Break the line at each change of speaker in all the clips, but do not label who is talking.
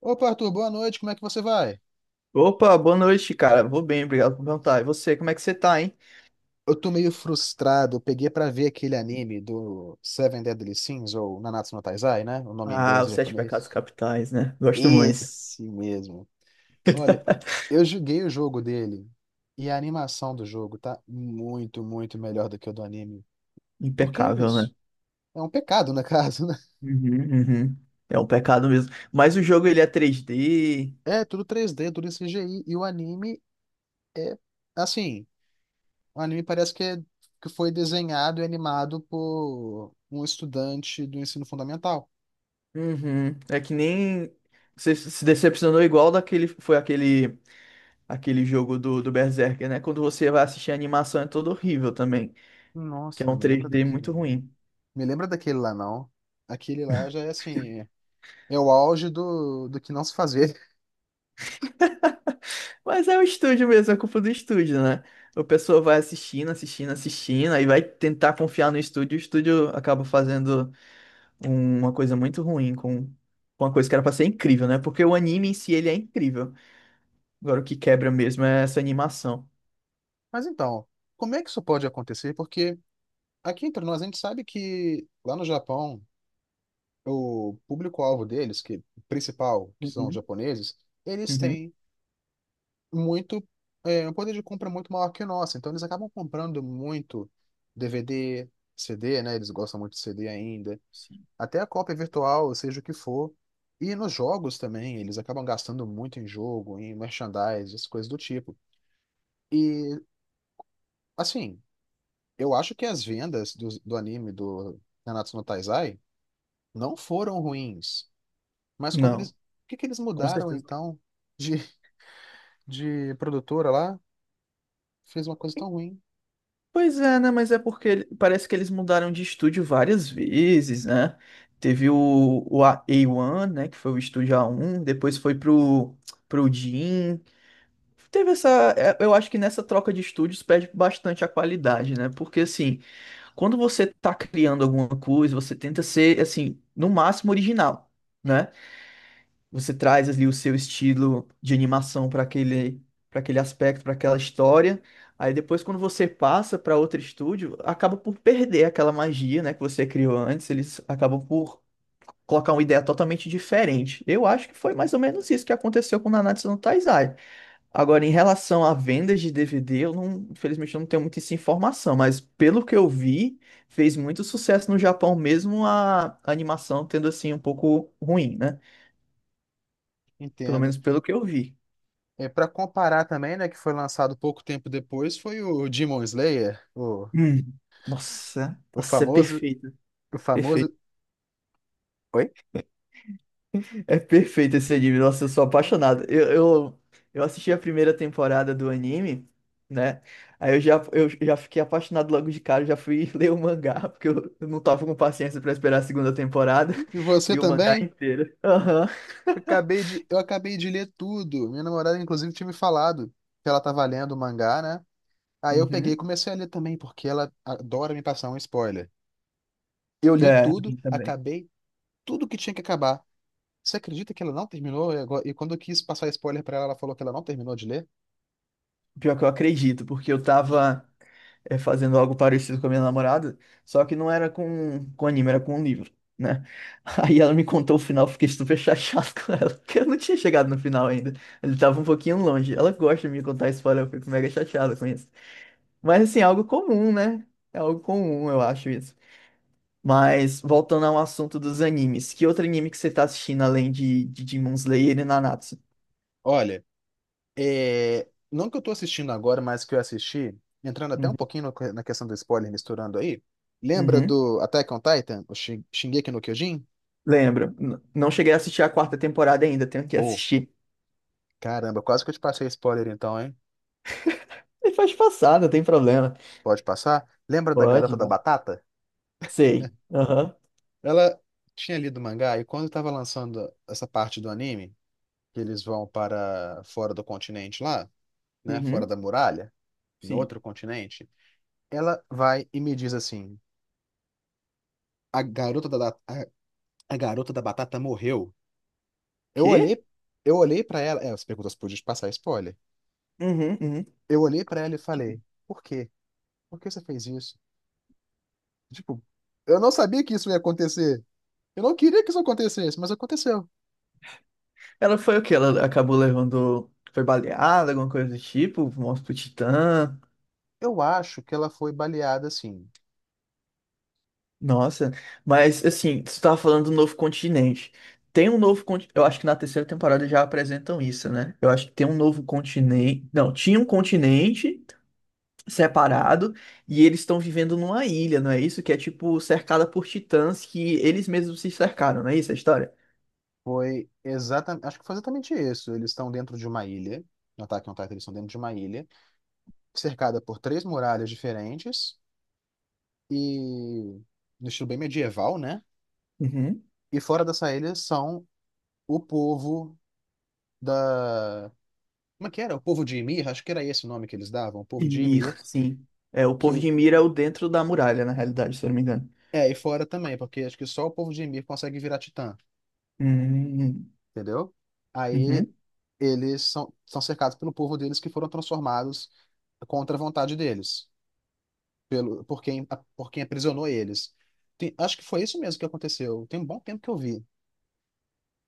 Opa, Arthur, boa noite, como é que você vai?
Opa, boa noite, cara. Vou bem, obrigado por perguntar. E você, como é que você tá, hein?
Eu tô meio frustrado, eu peguei pra ver aquele anime do Seven Deadly Sins, ou Nanatsu no Taizai, né? O nome em
Ah,
inglês e
os Sete Pecados
japonês.
Capitais, né? Gosto muito.
Esse mesmo. Olha, eu joguei o jogo dele, e a animação do jogo tá muito melhor do que o do anime. Por que
Impecável,
isso?
né?
É um pecado, na casa? né?
Uhum, uhum. É um pecado mesmo. Mas o jogo, ele é 3D.
É, tudo três d tudo CGI, e o anime é, assim, o anime parece que que foi desenhado e animado por um estudante do ensino fundamental.
Uhum. É que nem... Você se decepcionou igual daquele... Foi aquele... Aquele jogo do Berserker, né? Quando você vai assistir a animação é todo horrível também. Que é
Nossa, não
um
me lembra
3D
daquele,
muito
não.
ruim.
Me lembra daquele lá, não. Aquele lá já é assim, é o auge do que não se fazer.
Mas é o estúdio mesmo, é culpa do estúdio, né? O pessoal vai assistindo, assistindo, assistindo, aí vai tentar confiar no estúdio, o estúdio acaba fazendo uma coisa muito ruim com uma coisa que era pra ser incrível, né? Porque o anime em si, ele é incrível. Agora, o que quebra mesmo é essa animação.
Mas então, como é que isso pode acontecer? Porque aqui entre nós a gente sabe que lá no Japão, o público-alvo deles, que principal, que são os
Uhum.
japoneses, eles
Uhum.
têm muito, um poder de compra muito maior que o nosso. Então eles acabam comprando muito DVD, CD, né? Eles gostam muito de CD ainda.
Sim.
Até a cópia virtual, seja o que for. E nos jogos também, eles acabam gastando muito em jogo, em merchandise, essas coisas do tipo. E, assim, eu acho que as vendas do anime do Nanatsu no Taizai não foram ruins. Mas quando eles.
Não,
O que que eles
com
mudaram
certeza.
então de, de produtora lá? Fez uma coisa tão ruim.
Pois é, né? Mas é porque parece que eles mudaram de estúdio várias vezes, né? Teve o, A1, né? Que foi o estúdio A1, depois foi pro Jim. Teve essa. Eu acho que nessa troca de estúdios perde bastante a qualidade, né? Porque, assim, quando você tá criando alguma coisa, você tenta ser, assim, no máximo original, né? Você traz ali o seu estilo de animação para aquele aspecto, para aquela história. Aí depois, quando você passa para outro estúdio, acaba por perder aquela magia, né, que você criou antes. Eles acabam por colocar uma ideia totalmente diferente. Eu acho que foi mais ou menos isso que aconteceu com Nanatsu no Taizai. Agora, em relação a vendas de DVD, eu não, infelizmente eu não tenho muita essa informação, mas pelo que eu vi, fez muito sucesso no Japão, mesmo a animação tendo assim um pouco ruim, né? Pelo
Entendo.
menos pelo que eu vi.
É, para comparar também, né, que foi lançado pouco tempo depois, foi o Demon Slayer,
Hum. Nossa,
o
nossa, é
famoso,
perfeito,
o famoso.
perfeito.
Oi?
É perfeito esse anime, nossa, eu sou apaixonado. Eu assisti a primeira temporada do anime, né? Aí eu já fiquei apaixonado logo de cara, já fui ler o mangá, porque eu não tava com paciência pra esperar a segunda temporada.
E você
Vi o mangá
também?
inteiro. Aham.
Eu acabei de ler tudo. Minha namorada, inclusive, tinha me falado que ela tava lendo o mangá, né? Aí eu peguei e
Uhum.
comecei a ler também, porque ela adora me passar um spoiler. Eu li
É, a
tudo,
mim também.
acabei tudo que tinha que acabar. Você acredita que ela não terminou? E agora- e quando eu quis passar spoiler pra ela, ela falou que ela não terminou de ler?
Pior que eu acredito, porque eu tava. Fazendo algo parecido com a minha namorada, só que não era com anime, era com um livro, né? Aí ela me contou o final, eu fiquei super chateado com ela, porque eu não tinha chegado no final ainda. Ele tava um pouquinho longe. Ela gosta de me contar spoiler, eu fico mega chateado com isso. Mas assim, é algo comum, né? É algo comum, eu acho isso. Mas voltando ao assunto dos animes, que outro anime que você tá assistindo além de Demon Slayer e Nanatsu?
Olha. É, não que eu tô assistindo agora, mas que eu assisti, entrando até
Uhum.
um pouquinho no- na questão do spoiler, misturando aí. Lembra
Uhum.
do Attack on Titan? O Shingeki no Kyojin?
Lembro. Não cheguei a assistir a quarta temporada ainda, tenho que
Oh,
assistir.
caramba, quase que eu te passei spoiler então, hein?
E faz passar, não tem problema.
Pode passar? Lembra da garota
Pode,
da
né?
batata?
Sei. Aham.
Ela tinha lido o mangá e quando estava lançando essa parte do anime, que eles vão para fora do continente lá, né? Fora
Uhum,
da muralha, em
sim.
outro continente, ela vai e me diz assim: a garota da, a a garota da batata morreu. Eu
Quê?
olhei, eu olhei para ela. É, você perguntou se podia te passar spoiler.
Uhum, uhum.
Eu olhei pra ela e falei: por quê? Por que você fez isso? Tipo, eu não sabia que isso ia acontecer. Eu não queria que isso acontecesse, mas aconteceu.
Ela foi o quê? Ela acabou levando. Foi baleada, alguma coisa do tipo? Morte pro Titã.
Eu acho que ela foi baleada assim.
Nossa. Mas, assim, você tava falando do novo continente. Tem um novo continente. Eu acho que na terceira temporada já apresentam isso, né? Eu acho que tem um novo continente. Não, tinha um continente separado e eles estão vivendo numa ilha, não é isso? Que é tipo cercada por titãs que eles mesmos se cercaram, não é isso a história?
Foi exatamente. Acho que foi exatamente isso. Eles estão dentro de uma ilha. No Attack on Titan, eles estão dentro de uma ilha, cercada por três muralhas diferentes e. no estilo bem medieval, né?
Uhum.
E fora dessa ilha são o povo da como é que era? O povo de Ymir? Acho que era esse o nome que eles davam, o povo de
Ymir,
Ymir,
sim. É, o povo
que
de Ymir é o dentro da muralha, na realidade, se eu não me engano.
é, e fora também, porque acho que só o povo de Ymir consegue virar titã,
Hum,
entendeu? Aí
uhum.
eles são cercados pelo povo deles que foram transformados contra a vontade deles, pelo, por quem, por quem aprisionou eles. Acho que foi isso mesmo que aconteceu. Tem um bom tempo que eu vi.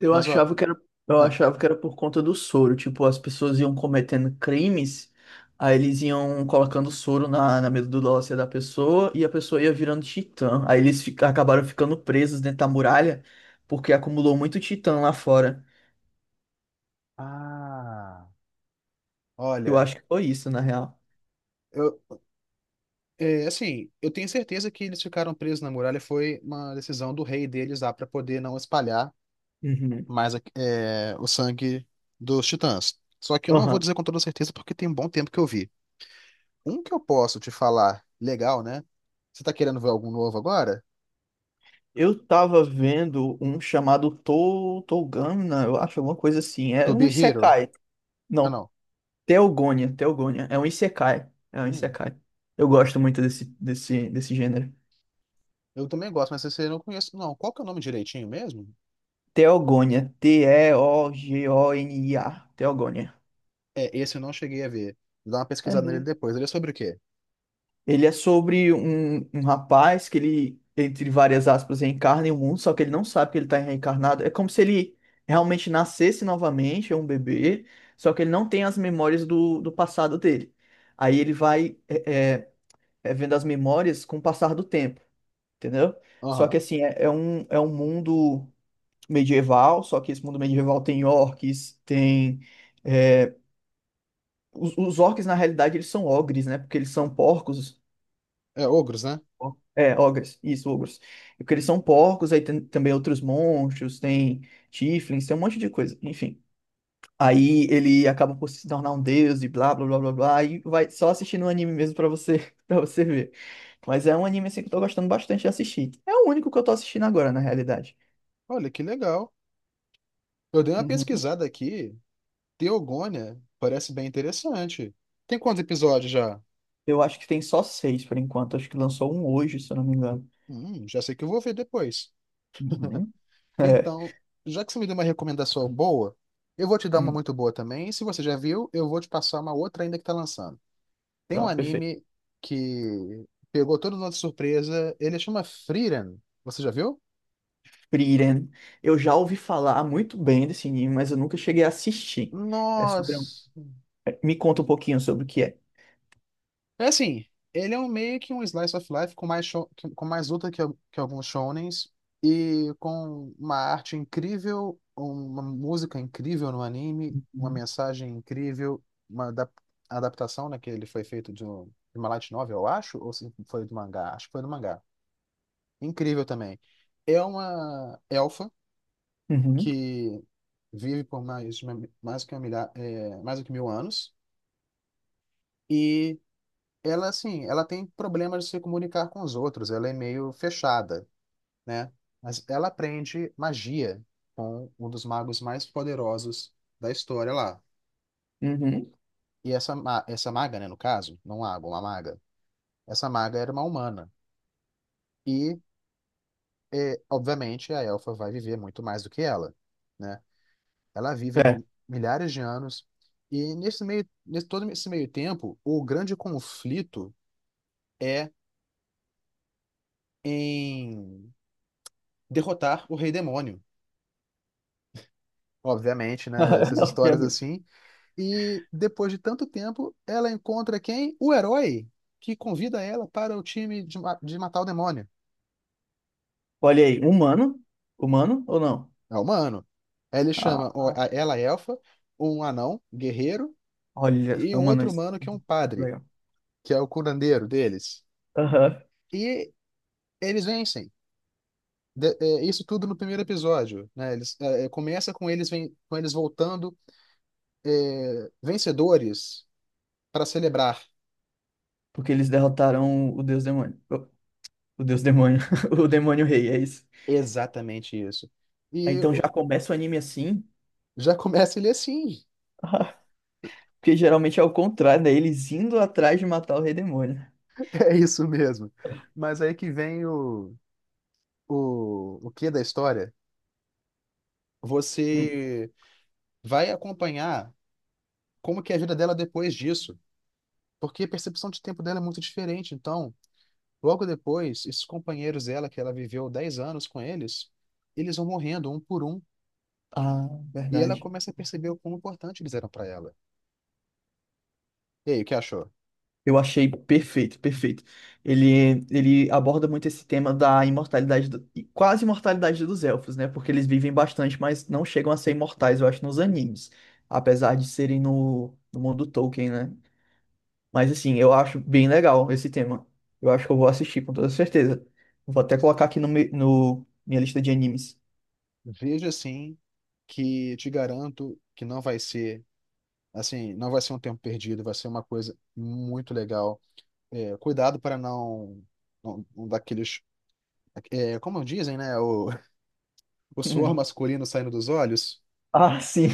Eu
Mas, ó.
achava que era, eu
Ah,
achava que era por conta do soro. Tipo, as pessoas iam cometendo crimes, aí eles iam colocando soro na medula óssea da pessoa e a pessoa ia virando titã. Aí acabaram ficando presos dentro da muralha porque acumulou muito titã lá fora.
ah,
Eu
olha,
acho que foi isso, na real.
eu. É, assim, eu tenho certeza que eles ficaram presos na muralha foi uma decisão do rei deles lá para poder não espalhar
Uhum.
mas é, o sangue dos Titãs. Só que eu não vou dizer com toda certeza porque tem um bom tempo que eu vi. Um que eu posso te falar legal, né? Você tá querendo ver algum novo agora?
Eu tava vendo um chamado Togana, eu acho, alguma coisa assim. É
To
um
Be Hero.
isekai.
Ah,
Não,
não.
Teogonia, Teogonia. É um isekai. É um
Hum,
isekai. Eu gosto muito desse gênero.
eu também gosto, mas esse eu não conheço. Não, qual que é o nome direitinho mesmo?
Teogonia. T-E-O-G-O-N-I-A. Teogonia.
É, esse eu não cheguei a ver. Vou dar uma
É
pesquisada nele depois. Ele é sobre o quê?
Ele é sobre um, um rapaz que ele, entre várias aspas, reencarna em um mundo, só que ele não sabe que ele está reencarnado. É como se ele realmente nascesse novamente, é um bebê, só que ele não tem as memórias do passado dele. Aí ele vai vendo as memórias com o passar do tempo, entendeu? Só que
Aham.
assim, é um mundo medieval, só que esse mundo medieval tem orques, tem. é, os orques, na realidade, eles são ogres, né? Porque eles são porcos.
É ogros, né?
É, ogres, isso, ogros. E porque eles são porcos, aí tem também outros monstros, tem tieflings, tem um monte de coisa, enfim. Aí ele acaba por se tornar um deus e blá blá blá blá blá, e vai só assistindo o anime mesmo pra você, para você ver. Mas é um anime assim que eu tô gostando bastante de assistir. É o único que eu tô assistindo agora, na realidade.
Olha, que legal. Eu dei uma
Uhum.
pesquisada aqui. Teogônia parece bem interessante. Tem quantos episódios já?
Eu acho que tem só seis por enquanto, acho que lançou um hoje, se eu não me engano.
Já sei que eu vou ver depois.
Uhum. É.
Então, já que você me deu uma recomendação boa, eu vou te dar uma
Hum.
muito boa também. Se você já viu, eu vou te passar uma outra ainda que tá lançando. Tem um
Pronto, perfeito.
anime que pegou todo mundo de surpresa. Ele chama Frieren. Você já viu?
Frieren. Eu já ouvi falar muito bem desse anime, mas eu nunca cheguei a assistir. É sobre um...
Nossa!
Me conta um pouquinho sobre o que é.
É assim, ele é um meio que um slice of life com mais luta que alguns shonens e com uma arte incrível, uma música incrível no anime, uma mensagem incrível, uma adaptação, né, que ele foi feito de uma light novel, eu acho, ou se foi do mangá, acho que foi do mangá. Incrível também. É uma elfa
Uhum,
que vive por mais, de uma- mais que uma milha- é, mais do que mil anos. E ela assim, ela tem problemas de se comunicar com os outros, ela é meio fechada, né? Mas ela aprende magia com um dos magos mais poderosos da história lá.
uhum.
E essa maga, né, no caso, não um mago, uma maga. Essa maga era uma humana e obviamente a elfa vai viver muito mais do que ela, né? Ela vive
É.
milhares de anos e nesse meio, nesse todo esse meio tempo, o grande conflito é em derrotar o rei demônio obviamente, né? Essas histórias
Obviamente.
assim. E depois de tanto tempo, ela encontra quem? O herói que convida ela para o time de matar o demônio.
Olha aí, humano? Humano ou não?
É o humano. Aí ele chama
Ah, ah,
ela é elfa, um anão, guerreiro,
Olha,
e
é
um
humano.
outro
Isso.
humano que é um padre,
Legal.
que é o curandeiro deles.
Aham.
E eles vencem. Isso tudo no primeiro episódio, né? Começa com eles, com eles voltando vencedores para celebrar.
Porque eles derrotaram o Deus Demônio. O Deus Demônio. O Demônio Rei, é isso.
Exatamente isso.
Aí,
E
então já começa o anime assim.
já começa ele assim.
Ah, porque geralmente é o contrário, né? Eles indo atrás de matar o Rei Demônio.
É isso mesmo. Mas aí que vem o quê da história?
Hum.
Você vai acompanhar como que é a vida dela depois disso. Porque a percepção de tempo dela é muito diferente. Então, logo depois, esses companheiros dela, que ela viveu 10 anos com eles, eles vão morrendo um por um.
Ah,
E ela
verdade.
começa a perceber o quão importante eles eram para ela. E aí, o que achou?
Eu achei perfeito, perfeito. Ele aborda muito esse tema da imortalidade, e quase imortalidade dos elfos, né? Porque eles vivem bastante, mas não chegam a ser imortais, eu acho, nos animes. Apesar de serem no mundo Tolkien, né? Mas assim, eu acho bem legal esse tema. Eu acho que eu vou assistir com toda certeza. Vou até colocar aqui no minha lista de animes.
Veja assim que te garanto que não vai ser assim, não vai ser um tempo perdido, vai ser uma coisa muito legal. É, cuidado para não dar aqueles. É, como dizem, né? O, o suor
Uhum.
masculino saindo dos olhos.
Ah, sim,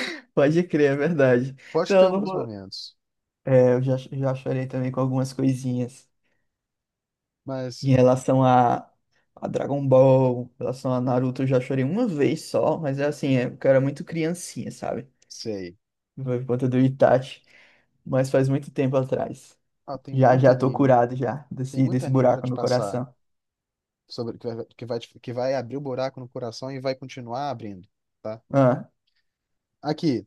pode crer, é verdade.
Pode
Então,
ter
eu não
alguns
vou...
momentos,
É, já chorei também com algumas coisinhas.
mas
Em relação a Dragon Ball, em relação a Naruto, eu já chorei uma vez só, mas é assim, eu era muito criancinha, sabe?
sei.
Por conta do Itachi, mas faz muito tempo atrás.
Ah, tem muito
Já tô
anime.
curado já
Tem muito
desse
anime para
buraco
te
no
passar.
coração.
Sobre, que vai, que vai abrir o buraco no coração e vai continuar abrindo, tá?
Ah,
Aqui,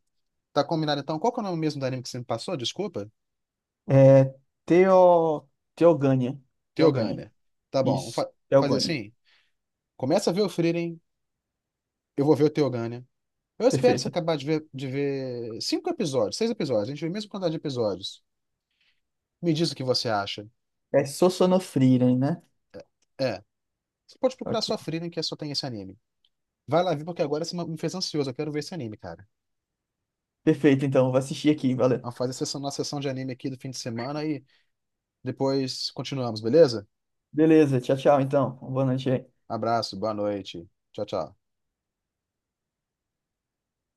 tá combinado então? Qual que é o nome mesmo do anime que você me passou? Desculpa?
é Teo, Teogânia. Teogânia.
Teogânia. Tá bom, vamos
Isso,
fa- fazer
Teogânia.
assim. Começa a ver o Frieren, eu vou ver o Teogânia. Eu espero você
Perfeito.
acabar de ver cinco episódios, seis episódios. A gente vê a mesma quantidade de episódios. Me diz o que você acha.
É Sosonofrieren, né?
É. Você pode procurar
Ok.
sua Freedom, que é só tem esse anime. Vai lá ver, porque agora você me fez ansioso. Eu quero ver esse anime, cara.
Perfeito, então, vou assistir aqui, valeu.
Vamos fazer a sessão, nossa sessão de anime aqui do fim de semana e depois continuamos, beleza?
Beleza, tchau, tchau, então. Boa noite aí.
Abraço, boa noite. Tchau, tchau.